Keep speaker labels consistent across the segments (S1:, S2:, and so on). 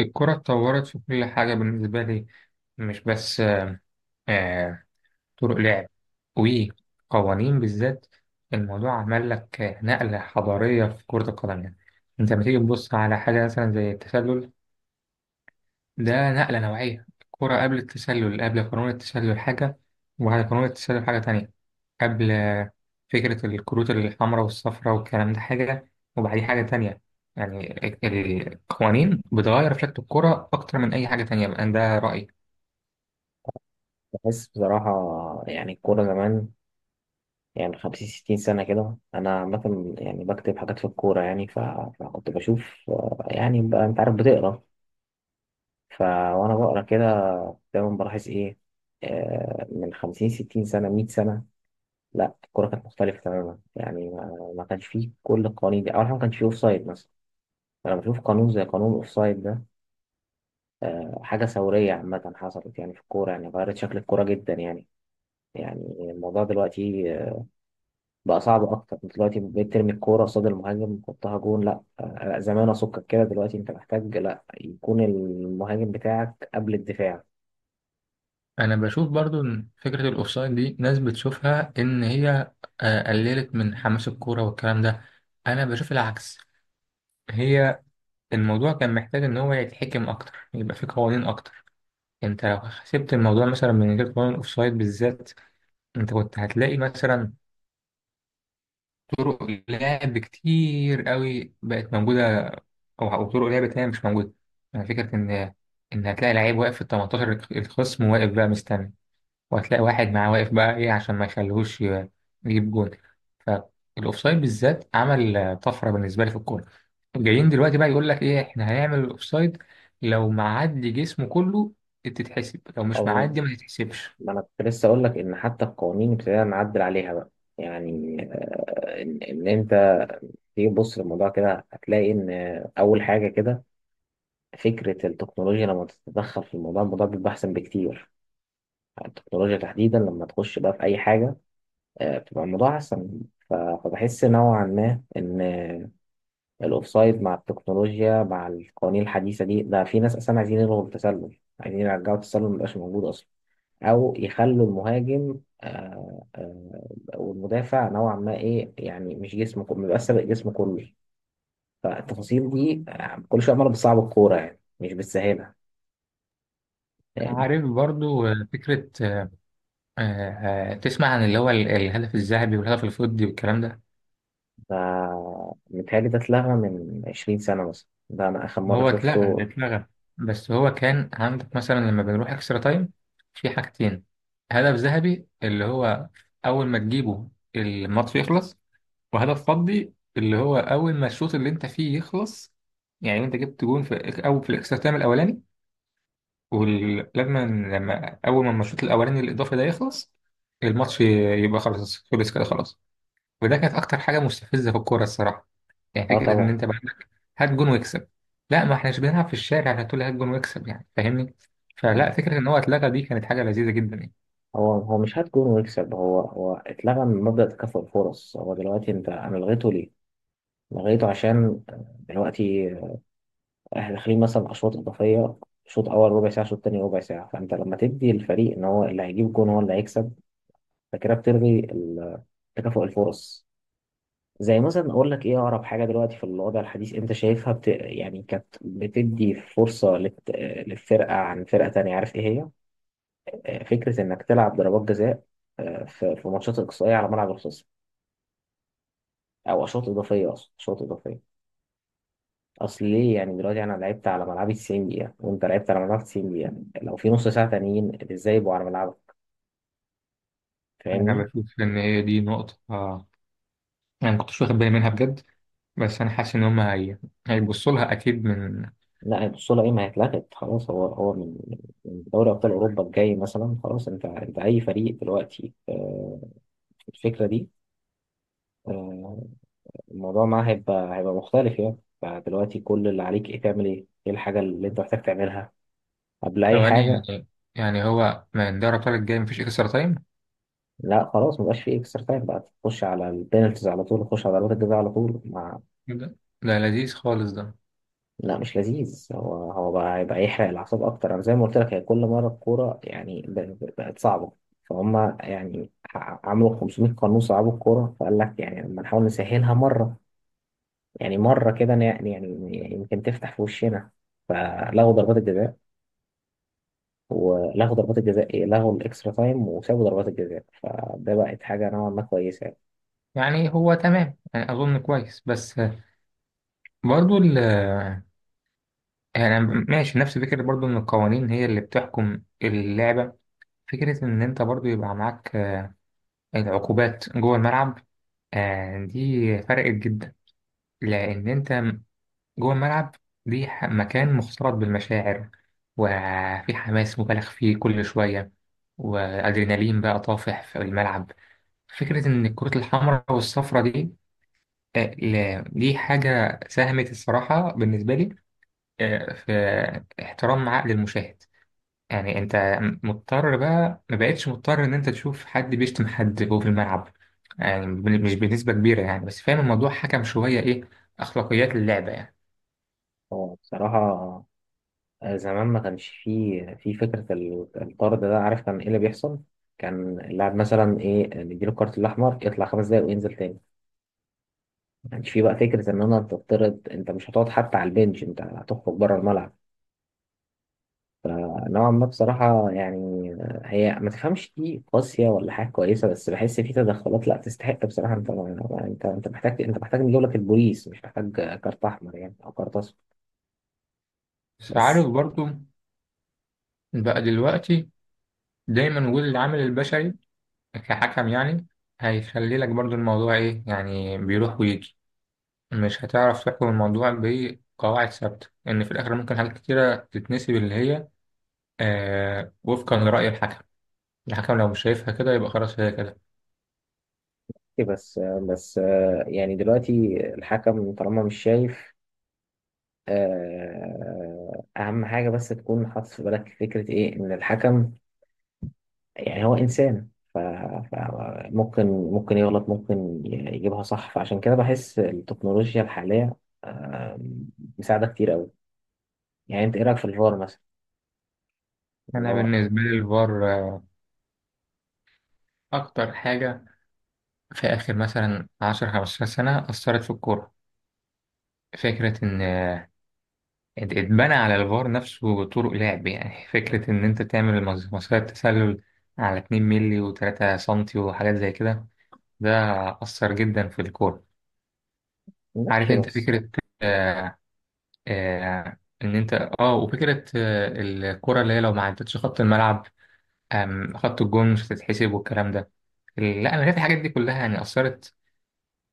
S1: الكرة اتطورت في كل حاجة بالنسبة لي، مش بس آه، طرق لعب وقوانين. بالذات الموضوع عمل لك نقلة حضارية في كرة القدم يعني. انت لما تيجي تبص على حاجة مثلا زي التسلل، ده نقلة نوعية. الكرة قبل التسلل، قبل قانون التسلل، حاجة، وبعد قانون التسلل حاجة تانية. قبل فكرة الكروت الحمراء والصفراء والكلام ده حاجة، وبعديه حاجة تانية. يعني القوانين بتغير في شكل الكرة أكتر من أي حاجة تانية، بقى ده رأيي.
S2: بحس بصراحة. يعني الكورة زمان، يعني خمسين ستين سنة كده، أنا عامة يعني بكتب حاجات في الكورة، يعني فكنت بشوف. يعني بقى أنت عارف بتقرا. وأنا بقرا كده دايما بلاحظ إيه؟ من خمسين ستين سنة مية سنة، لا الكورة كانت مختلفة تماما. يعني ما كانش فيه كل القوانين دي. أول حاجة ما كانش فيه أوفسايد مثلا. أنا بشوف قانون زي قانون الأوفسايد ده حاجة ثورية عامة حصلت يعني في الكورة، يعني غيرت شكل الكورة جدا يعني. يعني الموضوع دلوقتي بقى صعب اكتر. دلوقتي بقيت ترمي الكوره قصاد المهاجم تحطها جون؟ لا. زمان اسكك كده. دلوقتي انت محتاج لا يكون المهاجم بتاعك قبل الدفاع.
S1: أنا بشوف برضو إن فكرة الأوفسايد دي ناس بتشوفها إن هي قللت من حماس الكورة والكلام ده. أنا بشوف العكس، هي الموضوع كان محتاج إن هو يتحكم أكتر، يبقى فيه قوانين أكتر. انت لو حسبت الموضوع مثلا من غير قانون الاوفسايد بالذات، انت كنت هتلاقي مثلا طرق لعب كتير قوي بقت موجوده، او طرق لعب تانية مش موجوده. يعني فكره ان ان هتلاقي لعيب واقف في ال 18، الخصم واقف بقى مستني، وهتلاقي واحد معاه واقف بقى ايه عشان ما يجيب جول. فالاوفسايد بالذات عمل طفره بالنسبه لي في الكوره. جايين دلوقتي بقى يقول لك ايه، احنا هنعمل الاوفسايد لو معدي جسمه كله تتحسب، لو
S2: او
S1: مش
S2: ن-
S1: معدي ما تتحسبش.
S2: ما انا كنت لسه اقول لك ان حتى القوانين ابتدينا نعدل عليها بقى. يعني إن انت تيجي تبص للموضوع كده، هتلاقي ان اول حاجه كده فكره التكنولوجيا لما تتدخل في الموضوع، الموضوع بيبقى احسن بكتير. يعني التكنولوجيا تحديدا لما تخش بقى في اي حاجه، بتبقى الموضوع احسن. فبحس نوعا ما ان الاوفسايد مع التكنولوجيا مع القوانين الحديثه دي، ده في ناس اصلا عايزين يلغوا التسلل، عايزين يرجعوا التسلل ميبقاش موجود اصلا. او يخلوا المهاجم والمدافع نوعا ما ايه، يعني مش جسمه كله، ميبقاش سابق جسمه كله. فالتفاصيل دي كل شويه عماله بتصعب الكوره، يعني مش بتسهلها يعني.
S1: عارف برضو فكرة تسمع عن اللي هو الهدف الذهبي والهدف الفضي والكلام ده.
S2: فمتهيألي ده اتلغى من 20 سنه مثلا، ده انا اخر مره
S1: هو اتلغى
S2: شفته.
S1: اتلغى، بس هو كان عندك مثلا لما بنروح اكسترا تايم في حاجتين: هدف ذهبي اللي هو أول ما تجيبه الماتش يخلص، وهدف فضي اللي هو أول ما الشوط اللي أنت فيه يخلص. يعني أنت جبت جون في الإك- أو في الاكسترا تايم الأولاني، ولما لما لما أول ما الشوط الأولاني الإضافي ده يخلص الماتش يبقى خلاص، خلص كده خلاص. وده كانت اكتر حاجه مستفزه في الكوره الصراحه. يعني
S2: اه
S1: فكره ان
S2: طبعا.
S1: انت بقى عندك هات جون واكسب! لا، ما احناش بنلعب في الشارع عشان تقول لي هات جون واكسب يعني، فاهمني. فلا، فكره ان هو اتلغى دي كانت حاجه لذيذه جدا يعني.
S2: هو مش هات جون ويكسب. هو اتلغى من مبدأ تكافؤ الفرص. هو دلوقتي انا لغيته ليه؟ لغيته عشان دلوقتي احنا داخلين مثلا اشواط اضافيه. شوط اول ربع ساعه، شوط تاني ربع ساعه. فانت لما تدي الفريق ان هو اللي هيجيب جون هو اللي هيكسب، فكده بتلغي تكافؤ الفرص. زي مثلا اقول لك ايه اقرب حاجه دلوقتي في الوضع الحديث انت شايفها يعني كانت بتدي فرصه للفرقه عن فرقه تانيه، عارف ايه هي؟ فكره انك تلعب ضربات جزاء في ماتشات اقصائيه على ملعب الخصم، او اشواط اضافيه. اصلا اشواط اضافيه، اصل ليه؟ يعني دلوقتي انا لعبت على ملعبي 90 دقيقه وانت لعبت على ملعبك 90 دقيقه، لو في نص ساعه تانيين ازاي يبقوا على ملعبك؟
S1: انا
S2: فاهمني؟
S1: بشوف ان هي دي نقطه انا ما كنتش واخد بالي منها بجد، بس انا حاسس ان هيبصوا لها اكيد من.
S2: لا البطوله ايه ما هيتلغت خلاص. هو من من دوري ابطال اوروبا الجاي مثلا خلاص. انت اي فريق دلوقتي الفكره دي آه، الموضوع معاه هيبقى مختلف يعني. فدلوقتي كل اللي عليك ايه، تعمل ايه؟ ايه الحاجه اللي انت محتاج تعملها قبل اي
S1: ثواني،
S2: حاجه؟
S1: يعني هو من دوري الابطال الجاي مفيش اكسترا تايم؟
S2: لا خلاص مبقاش فيه اكسترا تايم بقى. تخش على البينالتيز على طول، تخش على ضربات الجزاء على طول ما.
S1: ده لذيذ خالص ده.
S2: لا مش لذيذ. هو بقى هيبقى يحرق الاعصاب اكتر. انا زي ما قلت لك، هي كل مره الكوره يعني بقت صعبه. فهم يعني عملوا 500 قانون صعبوا الكوره، فقال لك يعني لما نحاول نسهلها مره. يعني مره كده يعني يعني يمكن تفتح في وشنا. فلغوا ضربات الجزاء. ولغوا ضربات الجزاء ايه، لغوا الاكسترا تايم وسابوا ضربات الجزاء، فده بقت حاجه نوعا ما كويسه يعني.
S1: يعني هو تمام، يعني اظن كويس، بس برضو يعني ماشي نفس فكرة برضو إن القوانين هي اللي بتحكم اللعبة. فكرة إن أنت برضو يبقى معاك العقوبات جوه الملعب، دي فرقت جدا. لأن أنت جوه الملعب، مكان مختلط بالمشاعر، وفي حماس مبالغ فيه كل شوية، وأدرينالين بقى طافح في الملعب. فكرة إن الكرة الحمراء والصفراء دي، دي حاجة ساهمت الصراحة بالنسبة لي في احترام عقل المشاهد. يعني انت مضطر بقى، ما بقتش مضطر ان انت تشوف حد بيشتم حد جوه في الملعب. يعني مش بنسبة كبيرة يعني، بس فاهم الموضوع حكم شوية ايه، اخلاقيات اللعبة يعني.
S2: هو بصراحه زمان ما كانش فيه في فكرة الطرد ده، عارف كان ايه اللي بيحصل؟ كان اللاعب مثلا ايه، نديله الكارت الأحمر يطلع خمس دقايق وينزل تاني. ما كانش فيه بقى فكرة إن أنا تطرد أنت مش هتقعد حتى على البنش، أنت هتخرج بره الملعب. نوعا ما بصراحة يعني، هي ما تفهمش دي قاسية ولا حاجة كويسة، بس بحس في تدخلات لا تستحق بصراحة. أنت ما- أنت محتاج، نجيب لك البوليس، مش محتاج كارت أحمر يعني أو كارت أصفر.
S1: بس عارف
S2: بس
S1: برضو، بقى دلوقتي دايما وجود العامل البشري كحكم يعني هيخلي لك برضو الموضوع ايه، يعني بيروح ويجي، مش هتعرف تحكم الموضوع بقواعد ثابتة. ان في الاخر ممكن حاجات كتيرة تتنسي، اللي هي آه وفقا لرأي الحكم. الحكم لو مش شايفها كده يبقى خلاص هي كده.
S2: بس بس يعني دلوقتي الحكم طالما مش شايف، أهم حاجة بس تكون حاطط في بالك فكرة إيه، إن الحكم يعني هو إنسان. ف- فممكن يغلط، ممكن يجيبها صح. فعشان كده بحس التكنولوجيا الحالية آه، مساعدة كتير أوي. يعني أنت إيه رأيك في الفار مثلا، اللي
S1: أنا
S2: هو...
S1: بالنسبة لي الفار أكتر حاجة في آخر مثلا عشر خمستاشر سنة أثرت في الكورة. فكرة إن اتبنى على الفار نفسه طرق لعب، يعني فكرة إن أنت تعمل مسيرة تسلل على 2 مللي و3 سنتي وحاجات زي كده، ده أثر جدا في الكورة. عارف
S2: ماشي
S1: أنت
S2: بس.
S1: فكرة آه إن أنت، وفكرة الكورة اللي هي لو ما عدتش خط الملعب أم خط الجون مش هتتحسب والكلام ده. لا، أنا شايف الحاجات دي كلها يعني أثرت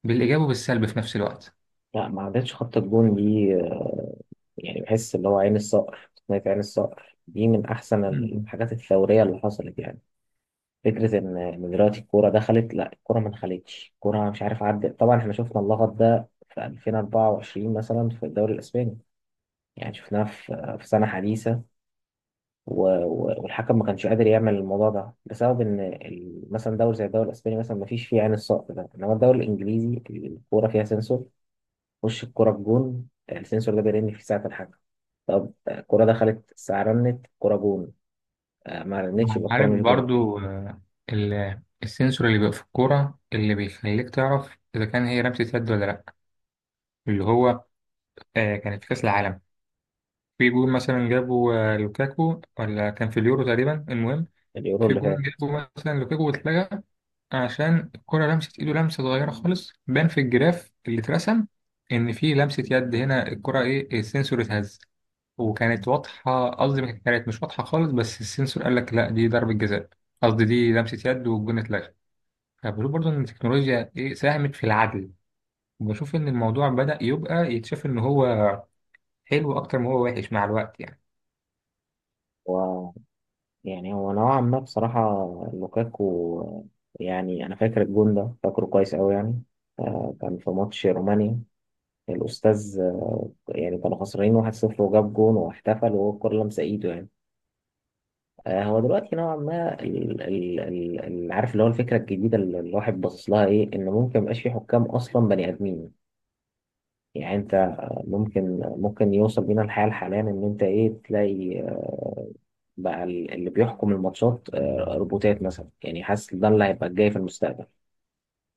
S1: بالإيجاب وبالسلب في نفس الوقت.
S2: لا ما عدتش خط الجون دي يعني بحس اللي هو عين الصقر، تقنية عين الصقر دي من أحسن
S1: مم.
S2: الحاجات الثورية اللي حصلت يعني. فكرة إن دلوقتي الكورة دخلت. لا الكورة ما دخلتش، الكورة مش عارف عدت. طبعا إحنا شفنا اللغط ده في 2024 مثلا في الدوري الإسباني، يعني شفناه في سنة حديثة. والحكم ما كانش قادر يعمل الموضوع ده بسبب إن مثلا دوري زي الدوري الإسباني مثلا ما فيش فيه عين الصقر ده. إنما الدوري الإنجليزي الكورة فيها سنسور. وش الكورة بجون السنسور ده بيرن في ساعة الحكم. طب الكورة دخلت الساعة رنت، الكورة جون. ما رنتش يبقى الكورة
S1: عارف
S2: مش جون.
S1: برضو السنسور اللي بيبقى في الكورة اللي بيخليك تعرف إذا كان هي لمسة يد ولا لأ، اللي هو كانت في كأس العالم. في جون مثلا جابه لوكاكو، ولا كان في اليورو تقريبا، المهم
S2: اليورو
S1: في
S2: اللي
S1: جون
S2: فات.
S1: جابه مثلا لوكاكو واتلغى عشان الكرة لمست ايده لمسة صغيرة خالص، بان في الجراف اللي اترسم ان في لمسة يد هنا، الكرة ايه السنسور اتهز. وكانت واضحة، قصدي ما كانت مش واضحة خالص، بس السنسور قال لك لا دي ضربة جزاء، قصدي دي لمسة يد، والجون اتلغى. فبشوف برضه ان التكنولوجيا ايه ساهمت في العدل، وبشوف ان الموضوع بدأ يبقى يتشاف ان هو حلو اكتر ما هو وحش مع الوقت يعني.
S2: و... يعني هو نوعا ما بصراحة، لوكاكو، يعني أنا فاكر الجون ده، فاكره كويس أوي يعني. كان في ماتش رومانيا الأستاذ يعني كانوا خسرانين 1-0 وجاب جون واحتفل، وهو الكورة لمسة إيده يعني. هو دلوقتي نوعا ما عارف اللي هو الفكرة الجديدة اللي الواحد باصص لها إيه، إن ممكن ميبقاش في حكام أصلا بني آدمين. يعني أنت ممكن يوصل بينا الحال حاليا إن أنت إيه تلاقي بقى اللي بيحكم الماتشات روبوتات مثلا، يعني حاسس ده اللي هيبقى الجاي في المستقبل.